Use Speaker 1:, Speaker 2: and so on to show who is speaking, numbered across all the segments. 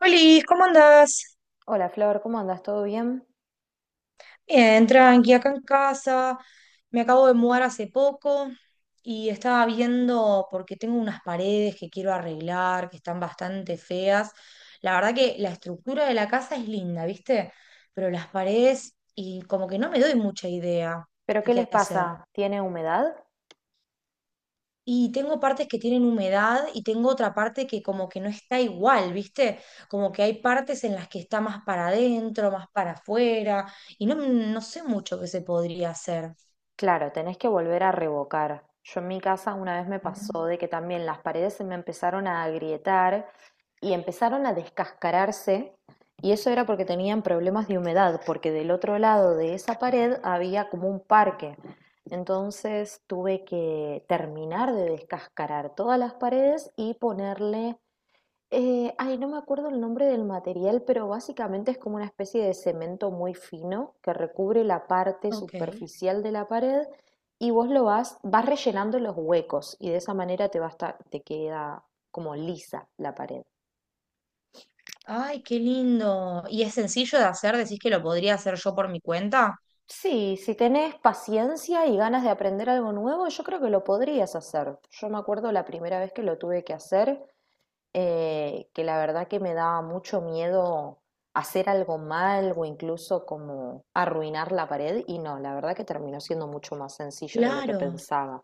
Speaker 1: Hola, ¿cómo andás?
Speaker 2: Hola Flor, ¿cómo andas? ¿Todo bien?
Speaker 1: Bien, tranqui, acá en casa. Me acabo de mudar hace poco y estaba viendo porque tengo unas paredes que quiero arreglar, que están bastante feas. La verdad que la estructura de la casa es linda, ¿viste? Pero las paredes y como que no me doy mucha idea
Speaker 2: ¿Pero
Speaker 1: de
Speaker 2: qué les
Speaker 1: qué hacer.
Speaker 2: pasa? ¿Tiene humedad?
Speaker 1: Y tengo partes que tienen humedad y tengo otra parte que como que no está igual, ¿viste? Como que hay partes en las que está más para adentro, más para afuera, y no sé mucho qué se podría hacer.
Speaker 2: Claro, tenés que volver a revocar. Yo en mi casa una vez me pasó
Speaker 1: Mm.
Speaker 2: de que también las paredes se me empezaron a agrietar y empezaron a descascararse y eso era porque tenían problemas de humedad, porque del otro lado de esa pared había como un parque. Entonces tuve que terminar de descascarar todas las paredes y ponerle no me acuerdo el nombre del material, pero básicamente es como una especie de cemento muy fino que recubre la parte
Speaker 1: Ok.
Speaker 2: superficial de la pared y vos lo vas, rellenando los huecos y de esa manera te va a estar- te queda como lisa la pared.
Speaker 1: Ay, qué lindo. ¿Y es sencillo de hacer? ¿Decís que lo podría hacer yo por mi cuenta?
Speaker 2: Sí, si tenés paciencia y ganas de aprender algo nuevo, yo creo que lo podrías hacer. Yo me acuerdo la primera vez que lo tuve que hacer, que la verdad que me daba mucho miedo hacer algo mal o incluso como arruinar la pared y no, la verdad que terminó siendo mucho más sencillo de lo que
Speaker 1: Claro.
Speaker 2: pensaba.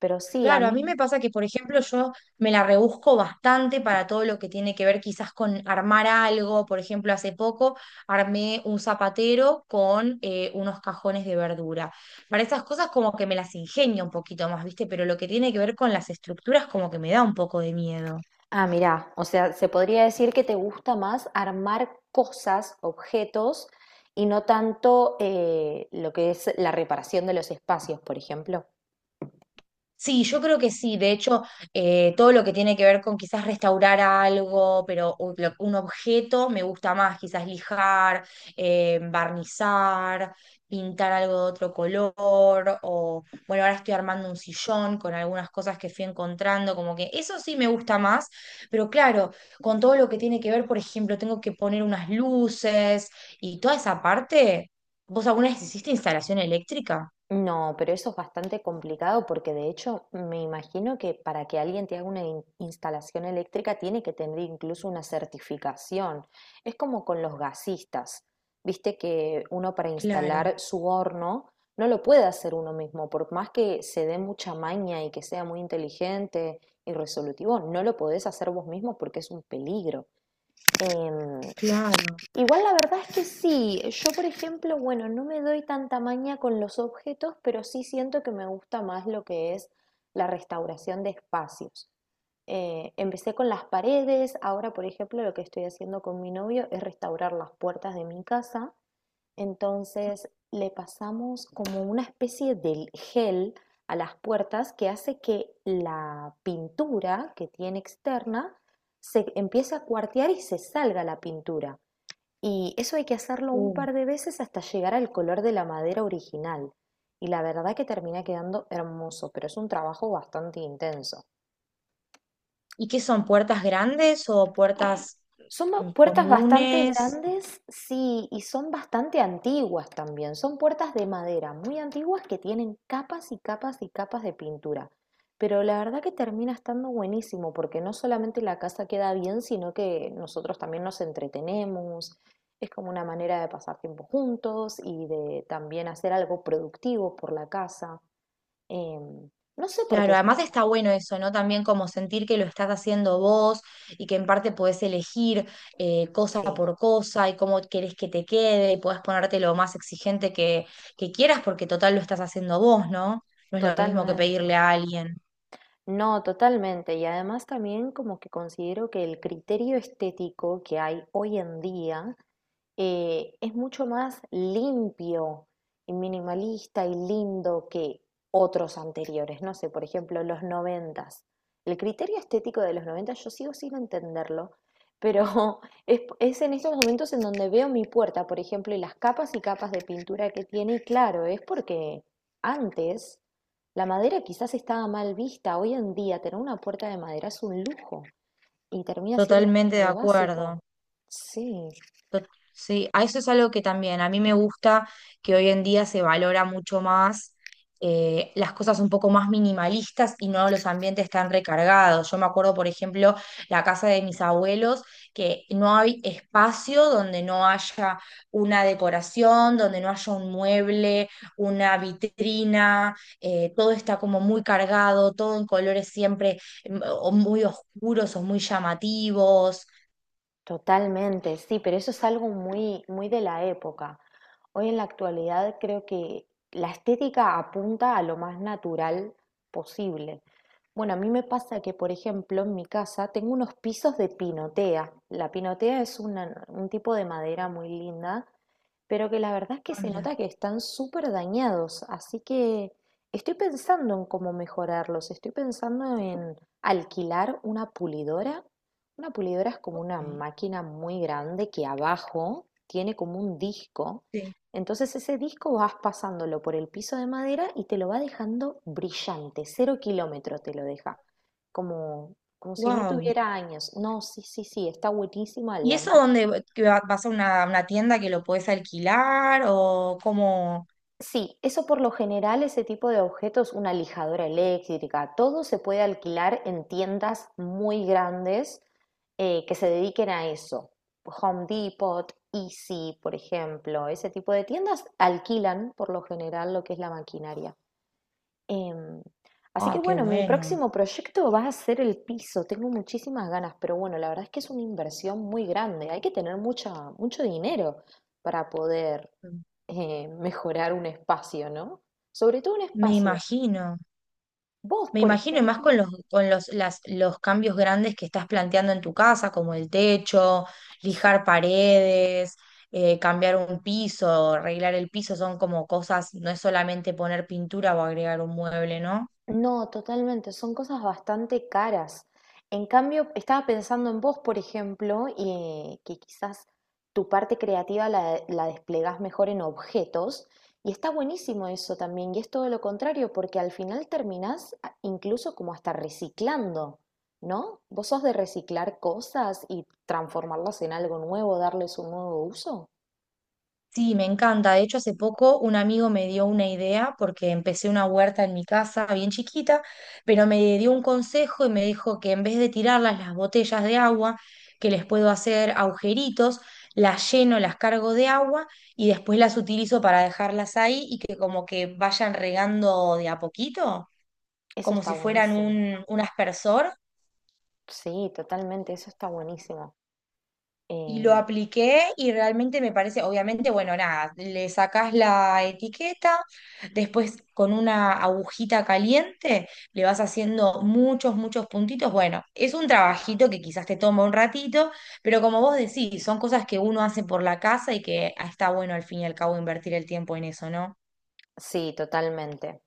Speaker 2: Pero sí, a
Speaker 1: Claro, a mí
Speaker 2: mí,
Speaker 1: me pasa que, por ejemplo, yo me la rebusco bastante para todo lo que tiene que ver quizás con armar algo. Por ejemplo, hace poco armé un zapatero con unos cajones de verdura. Para esas cosas como que me las ingenio un poquito más, ¿viste? Pero lo que tiene que ver con las estructuras como que me da un poco de miedo.
Speaker 2: ah, mirá, o sea, se podría decir que te gusta más armar cosas, objetos y no tanto lo que es la reparación de los espacios, por ejemplo.
Speaker 1: Sí, yo creo que sí. De hecho, todo lo que tiene que ver con quizás restaurar algo, pero un objeto me gusta más, quizás lijar, barnizar, pintar algo de otro color, o bueno, ahora estoy armando un sillón con algunas cosas que fui encontrando, como que eso sí me gusta más, pero claro, con todo lo que tiene que ver, por ejemplo, tengo que poner unas luces y toda esa parte, ¿vos alguna vez hiciste instalación eléctrica?
Speaker 2: No, pero eso es bastante complicado porque de hecho me imagino que para que alguien te haga una instalación eléctrica tiene que tener incluso una certificación. Es como con los gasistas. Viste que uno para
Speaker 1: Claro,
Speaker 2: instalar su horno no lo puede hacer uno mismo, por más que se dé mucha maña y que sea muy inteligente y resolutivo, no lo podés hacer vos mismo porque es un peligro. Em,
Speaker 1: claro.
Speaker 2: Igual la verdad es que sí, yo por ejemplo, bueno, no me doy tanta maña con los objetos, pero sí siento que me gusta más lo que es la restauración de espacios. Empecé con las paredes, ahora por ejemplo lo que estoy haciendo con mi novio es restaurar las puertas de mi casa, entonces le pasamos como una especie de gel a las puertas que hace que la pintura que tiene externa se empiece a cuartear y se salga la pintura. Y eso hay que hacerlo un
Speaker 1: Uh.
Speaker 2: par de veces hasta llegar al color de la madera original. Y la verdad que termina quedando hermoso, pero es un trabajo bastante intenso.
Speaker 1: ¿Y qué son? ¿Puertas grandes o puertas mm,
Speaker 2: Puertas bastante
Speaker 1: comunes?
Speaker 2: grandes, sí, y son bastante antiguas también. Son puertas de madera, muy antiguas que tienen capas y capas y capas de pintura. Pero la verdad que termina estando buenísimo porque no solamente la casa queda bien, sino que nosotros también nos entretenemos. Es como una manera de pasar tiempo juntos y de también hacer algo productivo por la casa. Em, no sé por qué
Speaker 1: Claro,
Speaker 2: está
Speaker 1: además está bueno eso, ¿no? También como sentir que lo estás haciendo vos y que en parte podés elegir cosa
Speaker 2: así,
Speaker 1: por cosa y cómo querés que te quede y podés ponerte lo más exigente que quieras porque total lo estás haciendo vos, ¿no? No es lo mismo que
Speaker 2: totalmente.
Speaker 1: pedirle a alguien.
Speaker 2: No, totalmente. Y además también como que considero que el criterio estético que hay hoy en día es mucho más limpio y minimalista y lindo que otros anteriores. No sé, por ejemplo, los noventas. El criterio estético de los noventas yo sigo sin entenderlo, pero es en estos momentos en donde veo mi puerta, por ejemplo, y las capas y capas de pintura que tiene. Y claro, es porque antes la madera quizás estaba mal vista. Hoy en día tener una puerta de madera es un lujo y termina siendo
Speaker 1: Totalmente de
Speaker 2: muy
Speaker 1: acuerdo.
Speaker 2: básico. Sí.
Speaker 1: Tot- Sí, a eso es algo que también a mí me gusta, que hoy en día se valora mucho más las cosas un poco más minimalistas y no los ambientes tan recargados. Yo me acuerdo, por ejemplo, la casa de mis abuelos, que no hay espacio donde no haya una decoración, donde no haya un mueble, una vitrina, todo está como muy cargado, todo en colores siempre mm, o muy oscuros o muy llamativos.
Speaker 2: Totalmente, sí, pero eso es algo muy, muy de la época. Hoy en la actualidad creo que la estética apunta a lo más natural posible. Bueno, a mí me pasa que, por ejemplo, en mi casa tengo unos pisos de pinotea. La pinotea es un tipo de madera muy linda pero que la verdad es que
Speaker 1: Ah,
Speaker 2: se
Speaker 1: mira.
Speaker 2: nota que están súper dañados, así que estoy pensando en cómo mejorarlos, estoy pensando en alquilar una pulidora. Una pulidora es como una
Speaker 1: Ok.
Speaker 2: máquina muy grande que abajo tiene como un disco,
Speaker 1: Sí.
Speaker 2: entonces ese disco vas pasándolo por el piso de madera y te lo va dejando brillante, cero kilómetro te lo deja, como, como si no
Speaker 1: Wow.
Speaker 2: tuviera años. No, sí, sí, sí, está buenísima
Speaker 1: ¿Y
Speaker 2: la
Speaker 1: eso dónde que vas a una tienda que lo puedes alquilar o cómo?
Speaker 2: Sí, eso por lo general, ese tipo de objetos, una lijadora eléctrica, todo se puede alquilar en tiendas muy grandes que se dediquen a eso. Home Depot, Easy, por ejemplo, ese tipo de tiendas alquilan por lo general lo que es la maquinaria. Em, Así que
Speaker 1: Ah, qué
Speaker 2: bueno, mi
Speaker 1: bueno.
Speaker 2: próximo proyecto va a ser el piso. Tengo muchísimas ganas, pero bueno, la verdad es que es una inversión muy grande. Hay que tener mucha, mucho dinero para poder mejorar un espacio, ¿no? Sobre todo un
Speaker 1: Me
Speaker 2: espacio.
Speaker 1: imagino.
Speaker 2: Vos,
Speaker 1: Me
Speaker 2: por
Speaker 1: imagino y más
Speaker 2: ejemplo,
Speaker 1: con los las los cambios grandes que estás planteando en tu casa, como el techo,
Speaker 2: sí.
Speaker 1: lijar paredes, cambiar un piso, arreglar el piso, son como cosas, no es solamente poner pintura o agregar un mueble, ¿no?
Speaker 2: No, totalmente, son cosas bastante caras. En cambio, estaba pensando en vos, por ejemplo, y que quizás tu parte creativa la desplegás mejor en objetos, y está buenísimo eso también, y es todo lo contrario, porque al final incluso como hasta reciclando, ¿no? ¿Vos sos de reciclar cosas y transformarlas en algo nuevo, darles un nuevo uso?
Speaker 1: Sí, me encanta. De hecho, hace poco un amigo me dio una idea porque empecé una huerta en mi casa bien chiquita, pero me dio un consejo y me dijo que en vez de tirarlas las botellas de agua, que les puedo hacer agujeritos, las lleno, las cargo de agua y después las utilizo para dejarlas ahí y que como que vayan regando de a poquito,
Speaker 2: Eso
Speaker 1: como
Speaker 2: está
Speaker 1: si fueran
Speaker 2: buenísimo.
Speaker 1: un aspersor.
Speaker 2: Sí, totalmente, eso está buenísimo.
Speaker 1: Y lo
Speaker 2: Em,
Speaker 1: apliqué y realmente me parece, obviamente, bueno, nada, le sacás la etiqueta, después con una agujita caliente le vas haciendo muchos puntitos. Bueno, es un trabajito que quizás te toma un ratito, pero como vos decís, son cosas que uno hace por la casa y que está bueno al fin y al cabo invertir el tiempo en eso, ¿no?
Speaker 2: sí, totalmente.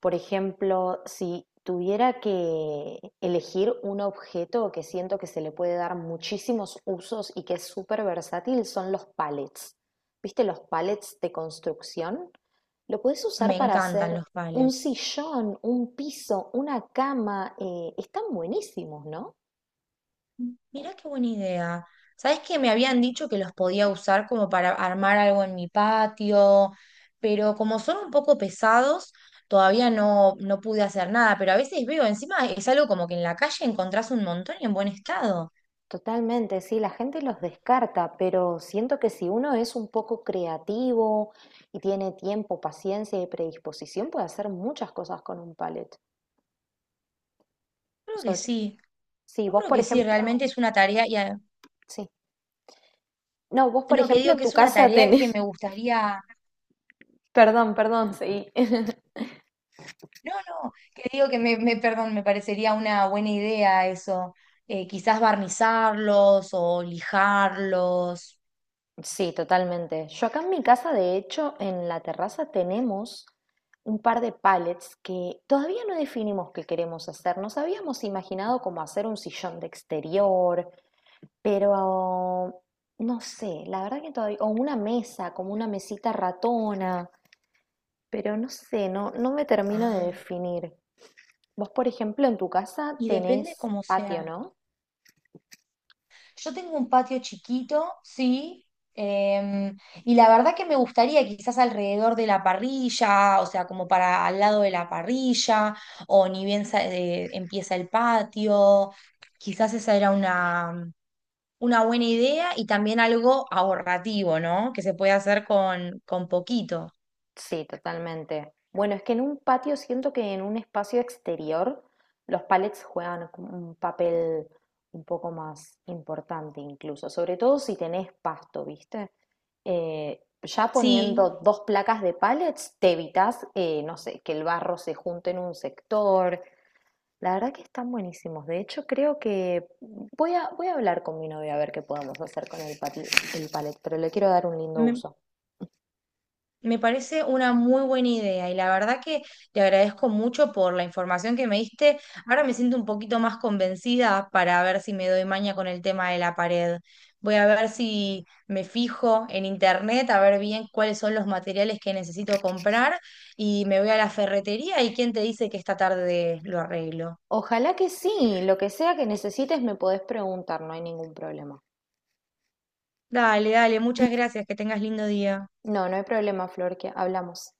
Speaker 2: Por ejemplo, si tuviera que elegir un objeto que siento que se le puede dar muchísimos usos y que es súper versátil, son los pallets. ¿Viste los pallets de construcción? Lo puedes
Speaker 1: Me
Speaker 2: usar para
Speaker 1: encantan
Speaker 2: hacer
Speaker 1: los
Speaker 2: un
Speaker 1: palets.
Speaker 2: sillón, un piso, una cama. Están buenísimos, ¿no?
Speaker 1: Mirá qué buena idea. Sabes que me habían dicho que los podía usar como para armar algo en mi patio, pero como son un poco pesados, todavía no pude hacer nada. Pero a veces veo, encima es algo como que en la calle encontrás un montón y en buen estado.
Speaker 2: Totalmente, sí, la gente los descarta, pero siento que si uno es un poco creativo y tiene tiempo, paciencia y predisposición, puede hacer muchas cosas con un palet.
Speaker 1: Creo que
Speaker 2: Sobre-
Speaker 1: sí.
Speaker 2: sí,
Speaker 1: Yo
Speaker 2: vos
Speaker 1: creo
Speaker 2: por
Speaker 1: que sí,
Speaker 2: ejemplo,
Speaker 1: realmente es una tarea.
Speaker 2: sí. No, vos por
Speaker 1: No, que
Speaker 2: ejemplo
Speaker 1: digo
Speaker 2: en
Speaker 1: que
Speaker 2: tu
Speaker 1: es una
Speaker 2: casa
Speaker 1: tarea que
Speaker 2: tenés.
Speaker 1: me gustaría.
Speaker 2: Perdón, perdón, sí.
Speaker 1: No, no, que digo que perdón, me parecería una buena idea eso. Quizás barnizarlos o lijarlos.
Speaker 2: Sí, totalmente. Yo acá en mi casa, de hecho, en la terraza tenemos un par de pallets que todavía no definimos qué queremos hacer. Nos habíamos imaginado como hacer un sillón de exterior, pero no sé, la verdad que todavía, o una mesa, como una mesita ratona, pero no sé, no, no me termino de
Speaker 1: Ah,
Speaker 2: definir. Vos, por ejemplo, en tu casa
Speaker 1: y depende
Speaker 2: tenés
Speaker 1: cómo
Speaker 2: patio,
Speaker 1: sea.
Speaker 2: ¿no?
Speaker 1: Yo tengo un patio chiquito, sí, em, y la verdad que me gustaría quizás alrededor de la parrilla, o sea, como para al lado de la parrilla, o ni bien empieza el patio, quizás esa era una buena idea y también algo ahorrativo, ¿no? Que se puede hacer con poquito.
Speaker 2: Sí, totalmente. Bueno, es que en un patio siento que en un espacio exterior los palets juegan como un papel un poco más importante incluso, sobre todo si tenés pasto, ¿viste? Ya
Speaker 1: Sí,
Speaker 2: poniendo dos placas de pallets, te evitas, no sé, que el barro se junte en un sector. La verdad que están buenísimos. De hecho, creo que voy a hablar con mi novia a ver qué podemos hacer con el palet pero le quiero dar un lindo uso.
Speaker 1: me parece una muy buena idea y la verdad que te agradezco mucho por la información que me diste. Ahora me siento un poquito más convencida para ver si me doy maña con el tema de la pared. Voy a ver si me fijo en internet, a ver bien cuáles son los materiales que necesito comprar y me voy a la ferretería y quién te dice que esta tarde lo arreglo.
Speaker 2: Ojalá que sí, lo que sea que necesites me podés preguntar, no hay ningún problema.
Speaker 1: Dale, dale, muchas gracias, que tengas lindo día.
Speaker 2: No, no hay problema, Flor, que hablamos.